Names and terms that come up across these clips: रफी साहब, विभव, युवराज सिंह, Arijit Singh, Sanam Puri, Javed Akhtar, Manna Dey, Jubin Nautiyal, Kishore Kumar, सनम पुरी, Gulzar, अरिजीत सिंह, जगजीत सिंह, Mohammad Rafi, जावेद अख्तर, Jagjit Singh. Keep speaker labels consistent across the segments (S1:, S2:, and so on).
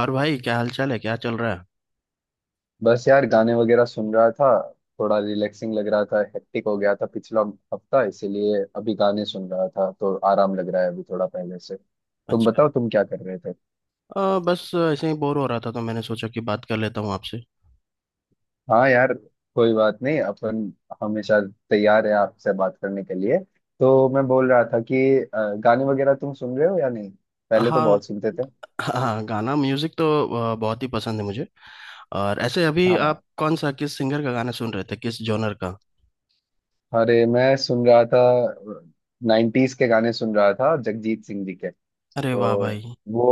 S1: और भाई क्या हाल चाल है? क्या चल रहा है?
S2: बस यार गाने वगैरह सुन रहा था। थोड़ा रिलैक्सिंग लग रहा था। हेक्टिक हो गया था पिछला हफ्ता, इसीलिए अभी गाने सुन रहा था तो आराम लग रहा है अभी थोड़ा पहले से। तुम
S1: अच्छा।
S2: बताओ तुम क्या कर रहे थे?
S1: बस ऐसे ही बोर हो रहा था, तो मैंने सोचा कि बात कर लेता हूँ आपसे।
S2: हाँ यार, कोई बात नहीं, अपन हमेशा तैयार है आपसे बात करने के लिए। तो मैं बोल रहा था कि गाने वगैरह तुम सुन रहे हो या नहीं? पहले तो
S1: हाँ।
S2: बहुत सुनते थे।
S1: हाँ, गाना म्यूजिक तो बहुत ही पसंद है मुझे। और ऐसे अभी
S2: हाँ हाँ।
S1: आप कौन सा, किस सिंगर का गाना सुन रहे थे, किस जॉनर का?
S2: अरे मैं सुन रहा था, 90s के गाने सुन रहा था, जगजीत सिंह जी के।
S1: अरे
S2: तो
S1: वाह भाई।
S2: वो,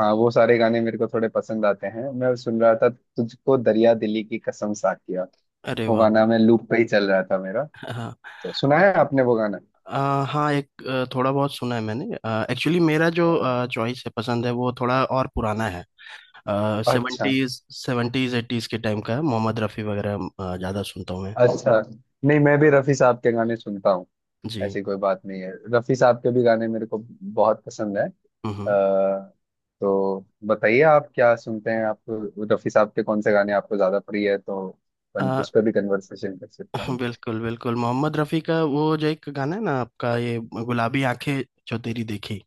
S2: हाँ, वो सारे गाने मेरे को थोड़े पसंद आते हैं। मैं सुन रहा था तुझको दरिया दिली की कसम साकिया।
S1: अरे
S2: वो
S1: वाह।
S2: गाना मैं लूप पे ही चल रहा था मेरा।
S1: हाँ,
S2: तो सुना है आपने वो गाना?
S1: हाँ, एक थोड़ा बहुत सुना है मैंने। एक्चुअली मेरा जो
S2: हाँ।
S1: चॉइस है, पसंद है, वो थोड़ा और पुराना है।
S2: अच्छा
S1: सेवेंटीज, सेवेंटीज एटीज के टाइम का है। मोहम्मद रफ़ी वगैरह ज़्यादा सुनता हूँ मैं।
S2: अच्छा, नहीं मैं भी रफी साहब के गाने सुनता हूँ।
S1: जी।
S2: ऐसी कोई बात नहीं है, रफी साहब के भी गाने मेरे को बहुत पसंद है तो बताइए आप क्या सुनते हैं? आप रफी साहब के कौन से गाने आपको ज्यादा प्रिय है, तो अपन
S1: हम्म।
S2: उस पर भी कन्वर्सेशन कर सकते
S1: हाँ,
S2: हैं।
S1: बिल्कुल बिल्कुल। मोहम्मद रफ़ी का वो जो एक गाना है ना आपका, ये गुलाबी आंखें जो तेरी देखी।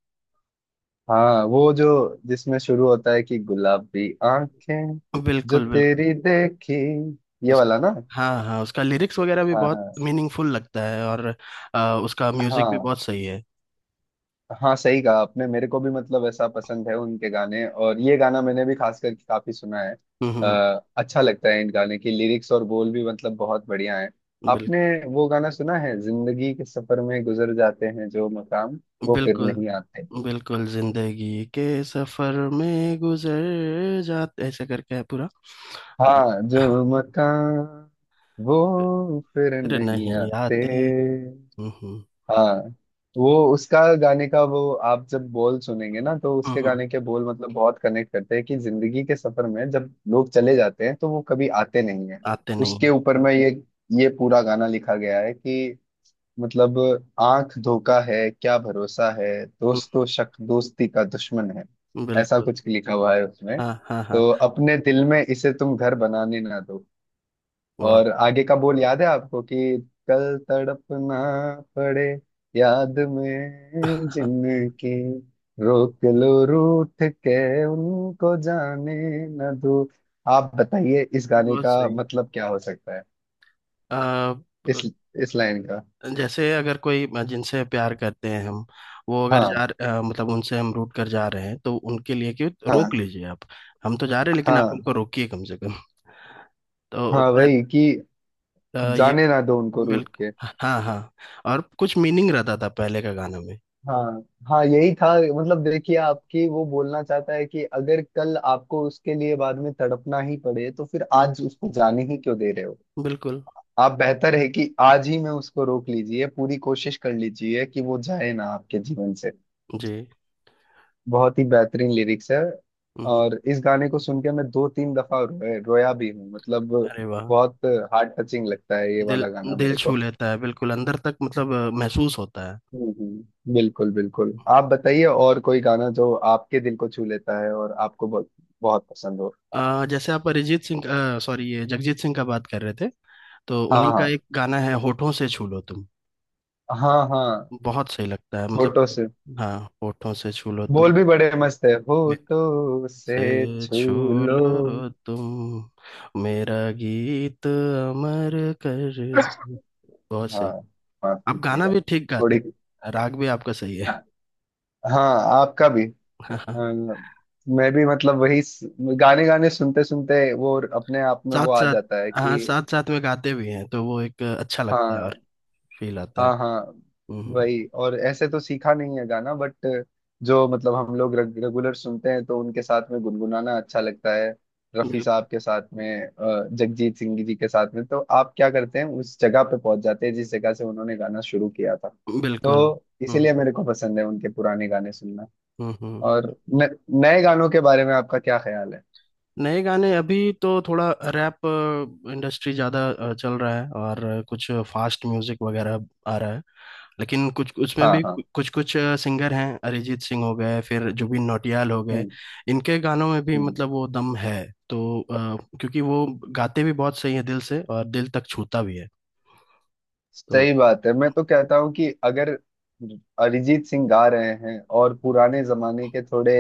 S2: हाँ वो जो, जिसमें शुरू होता है कि गुलाबी आंखें, जो
S1: बिल्कुल बिल्कुल।
S2: तेरी देखी। ये
S1: उस,
S2: वाला ना?
S1: हाँ हाँ, उसका लिरिक्स वगैरह भी
S2: हाँ
S1: बहुत
S2: हाँ
S1: मीनिंगफुल लगता है, और उसका म्यूजिक भी
S2: हाँ
S1: बहुत सही है।
S2: हाँ, सही कहा आपने, मेरे को भी मतलब ऐसा पसंद है उनके गाने, और ये गाना मैंने भी खास करके काफी सुना है।
S1: हम्म हम्म,
S2: अच्छा लगता है, इन गाने की लिरिक्स और बोल भी मतलब बहुत बढ़िया है।
S1: बिल,
S2: आपने वो गाना सुना है, जिंदगी के सफर में गुजर जाते हैं जो मकाम वो फिर
S1: बिल्कुल
S2: नहीं आते?
S1: बिल्कुल। जिंदगी के सफर में गुजर जाते, ऐसे करके है पूरा। और
S2: हाँ जो मकान वो फिर
S1: फिर
S2: नहीं
S1: नहीं
S2: आते।
S1: आते। हम्म हम्म
S2: हाँ वो उसका गाने का, वो आप जब बोल सुनेंगे ना तो उसके
S1: हम्म,
S2: गाने के बोल मतलब बहुत कनेक्ट करते हैं, कि जिंदगी के सफर में जब लोग चले जाते हैं तो वो कभी आते नहीं है।
S1: आते नहीं
S2: उसके
S1: है।
S2: ऊपर में ये पूरा गाना लिखा गया है कि मतलब, आंख धोखा है, क्या भरोसा है, दोस्त तो शक दोस्ती का दुश्मन है, ऐसा
S1: बिल्कुल।
S2: कुछ लिखा हुआ है उसमें।
S1: हाँ हाँ हाँ।
S2: तो अपने दिल में इसे तुम घर बनाने ना दो।
S1: वाह।
S2: और आगे का बोल याद है आपको कि, कल तड़पना पड़े याद में जिनकी, रोक लो रूठ के उनको जाने ना दो। आप बताइए इस गाने
S1: बहुत
S2: का
S1: सही।
S2: मतलब क्या हो सकता है?
S1: आ,
S2: इस इस लाइन का?
S1: जैसे अगर कोई जिनसे प्यार करते हैं हम, वो अगर जा,
S2: हाँ
S1: मतलब उनसे हम रूट कर जा रहे हैं, तो उनके लिए कि
S2: हाँ
S1: रोक लीजिए आप। हम तो जा रहे हैं, लेकिन आप हमको
S2: हाँ
S1: रोकिए कम से कम। तो
S2: हाँ, वही कि
S1: ये।
S2: जाने ना दो उनको रूठ
S1: बिल्कुल।
S2: के।
S1: हाँ हाँ। और कुछ मीनिंग रहता था पहले का गाना में।
S2: हाँ हाँ यही था। मतलब देखिए, आपकी वो बोलना चाहता है कि अगर कल आपको उसके लिए बाद में तड़पना ही पड़े, तो फिर
S1: हम्म,
S2: आज उसको जाने ही क्यों दे रहे हो?
S1: बिल्कुल।
S2: आप बेहतर है कि आज ही में उसको रोक लीजिए, पूरी कोशिश कर लीजिए कि वो जाए ना आपके जीवन से।
S1: जी।
S2: बहुत ही बेहतरीन लिरिक्स है।
S1: हम्म।
S2: और इस गाने को सुन के मैं दो तीन दफा रोया रोया भी हूँ मतलब।
S1: अरे वाह।
S2: बहुत हार्ट टचिंग लगता है ये
S1: दिल,
S2: वाला गाना मेरे
S1: दिल छू
S2: को।
S1: लेता है बिल्कुल अंदर तक। मतलब महसूस होता है।
S2: बिल्कुल बिल्कुल। आप बताइए और कोई गाना, जो आपके दिल को छू लेता है और आपको बहुत बहुत पसंद हो?
S1: जैसे आप अरिजीत सिंह, सॉरी ये जगजीत सिंह का बात कर रहे थे, तो
S2: हाँ
S1: उन्हीं का
S2: हाँ
S1: एक गाना है होठों से छू लो तुम।
S2: हाँ हाँ,
S1: बहुत सही लगता है मतलब।
S2: होठों से।
S1: हाँ, होठों से छू लो
S2: बोल
S1: तुम।
S2: भी बड़े मस्त है,
S1: मे-,
S2: होठों से
S1: से
S2: छू
S1: छू
S2: लो।
S1: लो तुम मेरा, गीत अमर कर दो। बहुत सही।
S2: हाँ माफ
S1: आप गाना
S2: कीजिएगा
S1: भी ठीक गाते
S2: थोड़ी।
S1: हैं, राग भी आपका सही
S2: हाँ,
S1: है।
S2: हाँ, आपका भी।
S1: हाँ।
S2: अ, मैं भी मतलब वही गाने गाने सुनते सुनते वो अपने आप में वो
S1: साथ
S2: आ
S1: साथ,
S2: जाता है
S1: हाँ
S2: कि।
S1: साथ साथ में गाते भी हैं तो वो एक अच्छा लगता है, और
S2: हाँ
S1: फील आता है।
S2: हाँ हाँ,
S1: हम्म।
S2: वही। और ऐसे तो सीखा नहीं है गाना, बट जो मतलब हम लोग रेगुलर सुनते हैं, तो उनके साथ में गुनगुनाना अच्छा लगता है। रफी
S1: बिल्कुल
S2: साहब के साथ में, जगजीत सिंह जी के साथ में तो आप क्या करते हैं, उस जगह पे पहुंच जाते हैं जिस जगह से उन्होंने गाना शुरू किया था।
S1: बिल्कुल।
S2: तो
S1: हम्म
S2: इसीलिए मेरे को पसंद है उनके पुराने गाने सुनना।
S1: हम्म हम्म
S2: और न, नए गानों के बारे में आपका क्या ख्याल है?
S1: नए गाने अभी तो थोड़ा, रैप इंडस्ट्री ज़्यादा चल रहा है, और कुछ फास्ट म्यूजिक वगैरह आ रहा है। लेकिन कुछ उसमें
S2: हाँ
S1: भी
S2: हाँ
S1: कुछ कुछ सिंगर हैं। अरिजीत सिंह हो गए, फिर जुबिन नौटियाल हो गए।
S2: हम्म
S1: इनके गानों में भी
S2: हम्म।
S1: मतलब वो दम है। तो क्योंकि वो गाते भी बहुत सही है दिल से, और दिल तक छूता भी है। तो
S2: सही बात है, मैं तो कहता हूँ कि अगर अरिजीत सिंह गा रहे हैं, और पुराने जमाने के थोड़े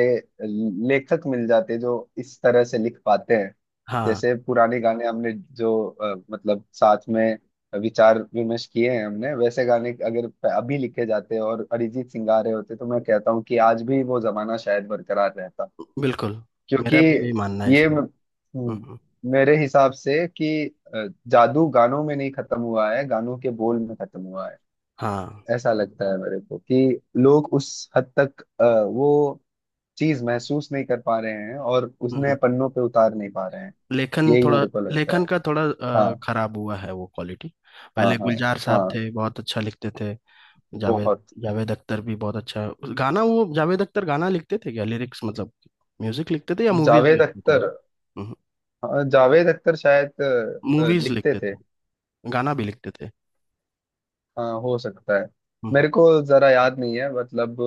S2: लेखक मिल जाते जो इस तरह से लिख पाते हैं,
S1: हाँ
S2: जैसे पुराने गाने हमने जो मतलब साथ में विचार विमर्श किए हैं हमने, वैसे गाने अगर अभी लिखे जाते और अरिजीत सिंह गा रहे होते, तो मैं कहता हूँ कि आज भी वो जमाना शायद बरकरार रहता।
S1: बिल्कुल।
S2: क्योंि
S1: मेरा भी यही मानना है
S2: ये
S1: इसमें।
S2: म-
S1: हम्म,
S2: म-
S1: हम्म,
S2: मेरे हिसाब से कि जादू गानों में नहीं खत्म हुआ है, गानों के बोल में खत्म हुआ है।
S1: हाँ।
S2: ऐसा लगता है मेरे को कि लोग उस हद तक वो चीज महसूस नहीं कर पा रहे हैं और
S1: हम्म,
S2: उसने
S1: हम्म।
S2: पन्नों पे उतार नहीं पा रहे हैं।
S1: लेखन
S2: यही
S1: थोड़ा,
S2: मेरे को लगता
S1: लेखन
S2: है।
S1: का थोड़ा
S2: हाँ
S1: खराब हुआ है वो क्वालिटी।
S2: हाँ
S1: पहले
S2: हाँ
S1: गुलजार साहब थे,
S2: हाँ,
S1: बहुत अच्छा लिखते थे। जावेद,
S2: बहुत।
S1: जावेद अख्तर भी बहुत अच्छा। गाना वो जावेद अख्तर गाना लिखते थे? क्या लिरिक्स मतलब म्यूजिक लिखते थे या मूवीज
S2: जावेद
S1: लिखते थे?
S2: अख्तर, हाँ, जावेद अख्तर शायद
S1: मूवीज
S2: लिखते
S1: लिखते
S2: थे।
S1: थे, गाना भी लिखते थे।
S2: हाँ हो सकता है।
S1: हम्म
S2: मेरे को जरा याद नहीं है मतलब,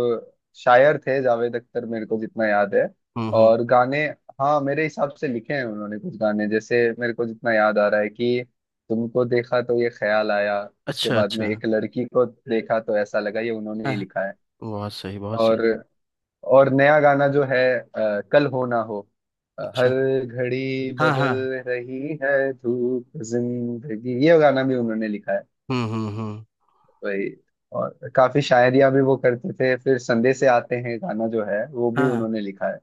S2: शायर थे जावेद अख्तर मेरे को जितना याद है।
S1: हम्म हम्म।
S2: और गाने, हाँ मेरे हिसाब से लिखे हैं उन्होंने कुछ गाने, जैसे मेरे को जितना याद आ रहा है कि, तुमको देखा तो ये ख्याल आया, उसके
S1: अच्छा
S2: बाद में
S1: अच्छा।
S2: एक लड़की को देखा तो ऐसा लगा, ये उन्होंने ही
S1: हाँ,
S2: लिखा है।
S1: बहुत सही बहुत
S2: और
S1: सही।
S2: और नया गाना जो है कल हो ना हो, हर
S1: अच्छा।
S2: घड़ी
S1: हाँ
S2: बदल
S1: हाँ।
S2: रही है धूप जिंदगी, ये गाना भी उन्होंने लिखा है
S1: हम्म।
S2: वही। और काफी शायरियां भी वो करते थे, फिर संदेश से आते हैं गाना जो है वो भी
S1: हाँ हाँ।
S2: उन्होंने लिखा है,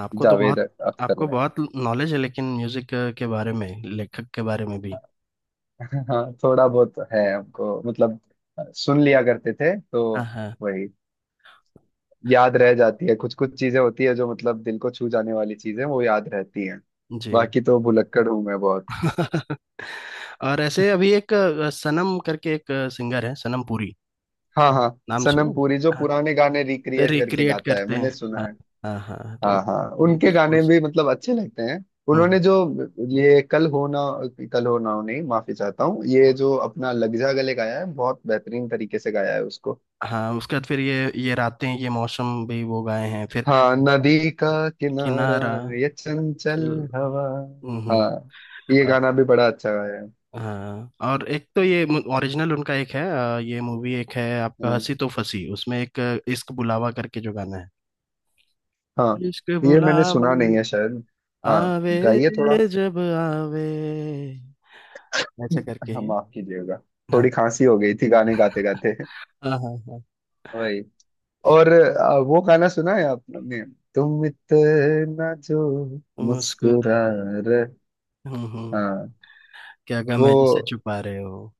S1: आपको तो
S2: जावेद
S1: बहुत,
S2: अख्तर
S1: आपको
S2: ने।
S1: बहुत नॉलेज है, लेकिन म्यूजिक के बारे में, लेखक के बारे में भी।
S2: हाँ, थोड़ा बहुत है हमको मतलब, सुन लिया करते थे तो
S1: हाँ हाँ।
S2: वही, याद रह जाती है। कुछ कुछ चीजें होती है जो मतलब दिल को छू जाने वाली चीजें वो याद रहती हैं।
S1: जी।
S2: बाकी तो भुलक्कड़ हूं मैं बहुत।
S1: और ऐसे अभी एक सनम करके एक सिंगर है सनम पुरी,
S2: हाँ हाँ।
S1: नाम
S2: सनम
S1: सुनो?
S2: पुरी जो
S1: हाँ,
S2: पुराने गाने रिक्रिएट करके
S1: रिक्रिएट
S2: गाता है
S1: करते
S2: मैंने
S1: हैं,
S2: सुना।
S1: हाँ हाँ हाँ, तो
S2: हाँ हाँ,
S1: वो
S2: उनके
S1: भी
S2: गाने
S1: बहुत।
S2: भी मतलब अच्छे लगते हैं।
S1: हम्म
S2: उन्होंने
S1: हम्म।
S2: जो ये कल हो ना हो, नहीं माफी चाहता हूँ, ये जो अपना लग जा गले गाया है बहुत बेहतरीन तरीके से गाया है उसको।
S1: हाँ, उसके बाद फिर ये रातें ये मौसम भी वो गाए हैं। फिर
S2: हाँ नदी का किनारा,
S1: किनारा
S2: ये चंचल
S1: चल।
S2: हवा।
S1: हम्म।
S2: हाँ ये
S1: और-,
S2: गाना भी बड़ा अच्छा गाया है।
S1: हाँ और एक तो ये ओरिजिनल उनका एक है, ये मूवी एक है आपका,
S2: हम्म,
S1: हंसी तो फंसी, उसमें एक इश्क बुलावा करके जो गाना है।
S2: हाँ
S1: इश्क
S2: ये मैंने
S1: बुलावा
S2: सुना नहीं है शायद। हाँ
S1: आवे,
S2: गाइए थोड़ा।
S1: जब आवे, ऐसा करके
S2: हाँ
S1: है।
S2: माफ कीजिएगा,
S1: हाँ
S2: थोड़ी खांसी हो गई थी गाने गाते गाते,
S1: हाँ हाँ। हाँ,
S2: वही। और वो गाना सुना है आपने, तुम इतना जो
S1: मुस्कुरा
S2: मुस्कुरा
S1: रहे।
S2: रहे?
S1: हम्म।
S2: हाँ
S1: क्या गम
S2: वो,
S1: है जिसे छुपा रहे हो।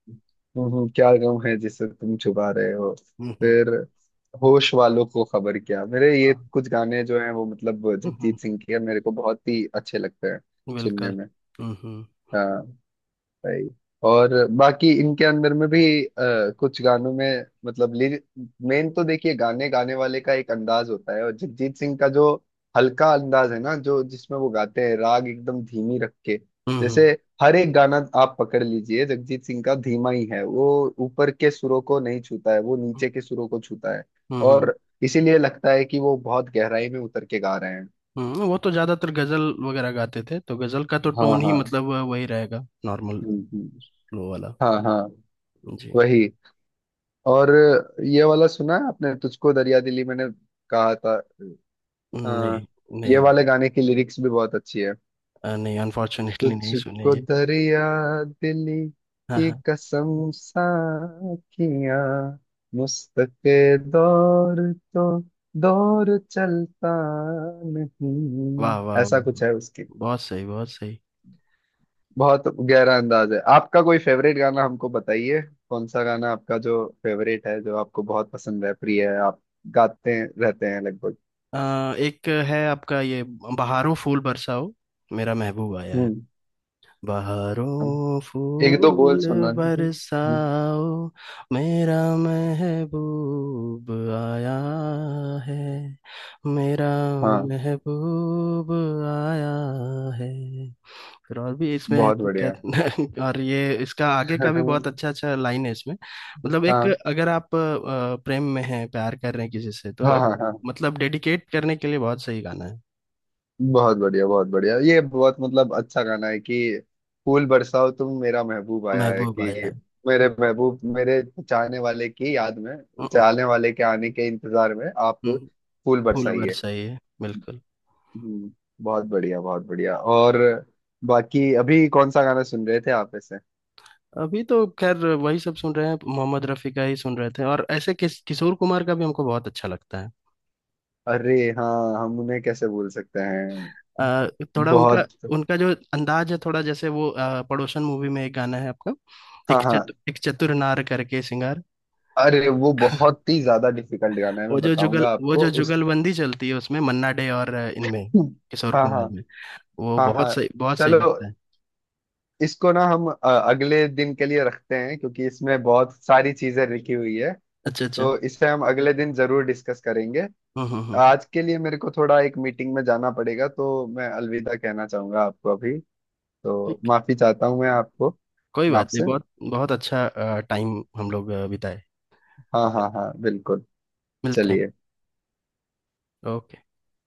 S2: क्या गम है जिसे तुम छुपा रहे हो।
S1: हम्म।
S2: फिर होश वालों को खबर क्या मेरे, ये
S1: हाँ।
S2: कुछ गाने जो हैं वो मतलब
S1: हम्म हम्म,
S2: जगजीत सिंह के मेरे को बहुत ही अच्छे लगते हैं सुनने
S1: बिल्कुल।
S2: में।
S1: हम्म हम्म
S2: हाँ, भाई। और बाकी इनके अंदर में भी कुछ गानों में मतलब, मेन तो देखिए गाने गाने वाले का एक अंदाज होता है, और जगजीत सिंह का जो हल्का अंदाज है ना, जो जिसमें वो गाते हैं राग एकदम धीमी रख के।
S1: हम्म।
S2: जैसे हर एक गाना आप पकड़ लीजिए जगजीत सिंह का, धीमा ही है वो, ऊपर के सुरों को नहीं छूता है वो,
S1: हम्म
S2: नीचे के सुरों को छूता है।
S1: हम्म।
S2: और इसीलिए लगता है कि वो बहुत गहराई में उतर के गा रहे हैं।
S1: वो तो ज्यादातर गजल वगैरह गाते थे, तो गजल का तो
S2: हाँ
S1: टोन ही
S2: हाँ
S1: मतलब वही रहेगा, नॉर्मल
S2: हम्म।
S1: फ्लो वाला।
S2: हाँ हाँ,
S1: जी।
S2: वही। और ये वाला सुना है आपने, तुझको दरिया दिली, मैंने कहा था।
S1: नहीं,
S2: हाँ,
S1: नहीं
S2: ये
S1: नहीं।
S2: वाले गाने की लिरिक्स भी बहुत अच्छी है।
S1: नहीं, अनफॉर्चुनेटली नहीं सुने
S2: तुझको
S1: ये।
S2: दरिया दिली
S1: हाँ
S2: की
S1: हाँ।
S2: कसम साखियां, मुश्क दौर तो दौर चलता नहीं,
S1: वाह वाह वाह।
S2: ऐसा कुछ है।
S1: बहुत सही बहुत सही।
S2: बहुत गहरा अंदाज है आपका, कोई फेवरेट गाना हमको बताइए, कौन सा गाना आपका जो फेवरेट है, जो आपको बहुत पसंद है, प्रिय है, आप गाते हैं रहते हैं लगभग?
S1: अ, एक है आपका ये, बहारों फूल बरसाओ, मेरा महबूब आया है।
S2: हम्म, हाँ।
S1: बहारों
S2: एक दो बोल
S1: फूल
S2: सुना दीजिए,
S1: बरसाओ, मेरा महबूब आया है, मेरा
S2: हाँ।
S1: महबूब आया है। फिर और भी इसमें है
S2: बहुत
S1: तो क्या।
S2: बढ़िया।
S1: और ये इसका आगे का भी बहुत अच्छा अच्छा लाइन है इसमें। मतलब एक
S2: हाँ
S1: अगर आप प्रेम में हैं, प्यार कर रहे हैं किसी से, तो
S2: हाँ
S1: आप-,
S2: हाँ हाँ,
S1: मतलब डेडिकेट करने के लिए बहुत सही गाना है।
S2: बहुत बढ़िया बहुत बढ़िया। ये बहुत मतलब अच्छा गाना है कि, फूल बरसाओ तुम मेरा महबूब आया है,
S1: महबूब आया
S2: कि
S1: है।
S2: मेरे महबूब, मेरे चाहने वाले की याद में,
S1: अ,
S2: चाहने वाले के आने के इंतजार में आप
S1: अ,
S2: फूल
S1: फूल
S2: बरसाइए।
S1: बरसाई है बिल्कुल।
S2: हम्म, बहुत बढ़िया बहुत बढ़िया। और बाकी अभी कौन सा गाना सुन रहे थे आप ऐसे?
S1: अभी तो खैर वही सब सुन रहे हैं, मोहम्मद रफ़ी का ही सुन रहे थे। और ऐसे किस किशोर कुमार का भी हमको बहुत अच्छा लगता है।
S2: अरे हाँ, हम उन्हें कैसे भूल सकते हैं,
S1: अ, थोड़ा उनका,
S2: बहुत।
S1: उनका जो अंदाज है थोड़ा, जैसे वो पड़ोसन मूवी में एक गाना है आपका,
S2: हाँ हाँ।
S1: एक चतुर नार करके सिंगार।
S2: अरे वो बहुत ही ज्यादा डिफिकल्ट गाना है, मैं
S1: वो जो जुगल
S2: बताऊंगा
S1: वो
S2: आपको
S1: जो
S2: उस।
S1: जुगलबंदी चलती है उसमें, मन्ना डे और इनमें किशोर
S2: हाँ हाँ
S1: कुमार में, वो
S2: हाँ हाँ।
S1: बहुत सही
S2: चलो,
S1: लगता है।
S2: इसको ना हम अगले दिन के लिए रखते हैं, क्योंकि इसमें बहुत सारी चीजें लिखी हुई है।
S1: अच्छा अच्छा।
S2: तो इसे हम अगले दिन जरूर डिस्कस करेंगे।
S1: हम्म।
S2: आज के लिए मेरे को थोड़ा एक मीटिंग में जाना पड़ेगा, तो मैं अलविदा कहना चाहूंगा आपको अभी। तो
S1: ठीक,
S2: माफी चाहता हूँ मैं आपको।
S1: कोई बात नहीं,
S2: आपसे।
S1: बहुत बहुत अच्छा टाइम हम लोग बिताए।
S2: हाँ हाँ हाँ बिल्कुल।
S1: मिलते हैं।
S2: चलिए।
S1: ओके।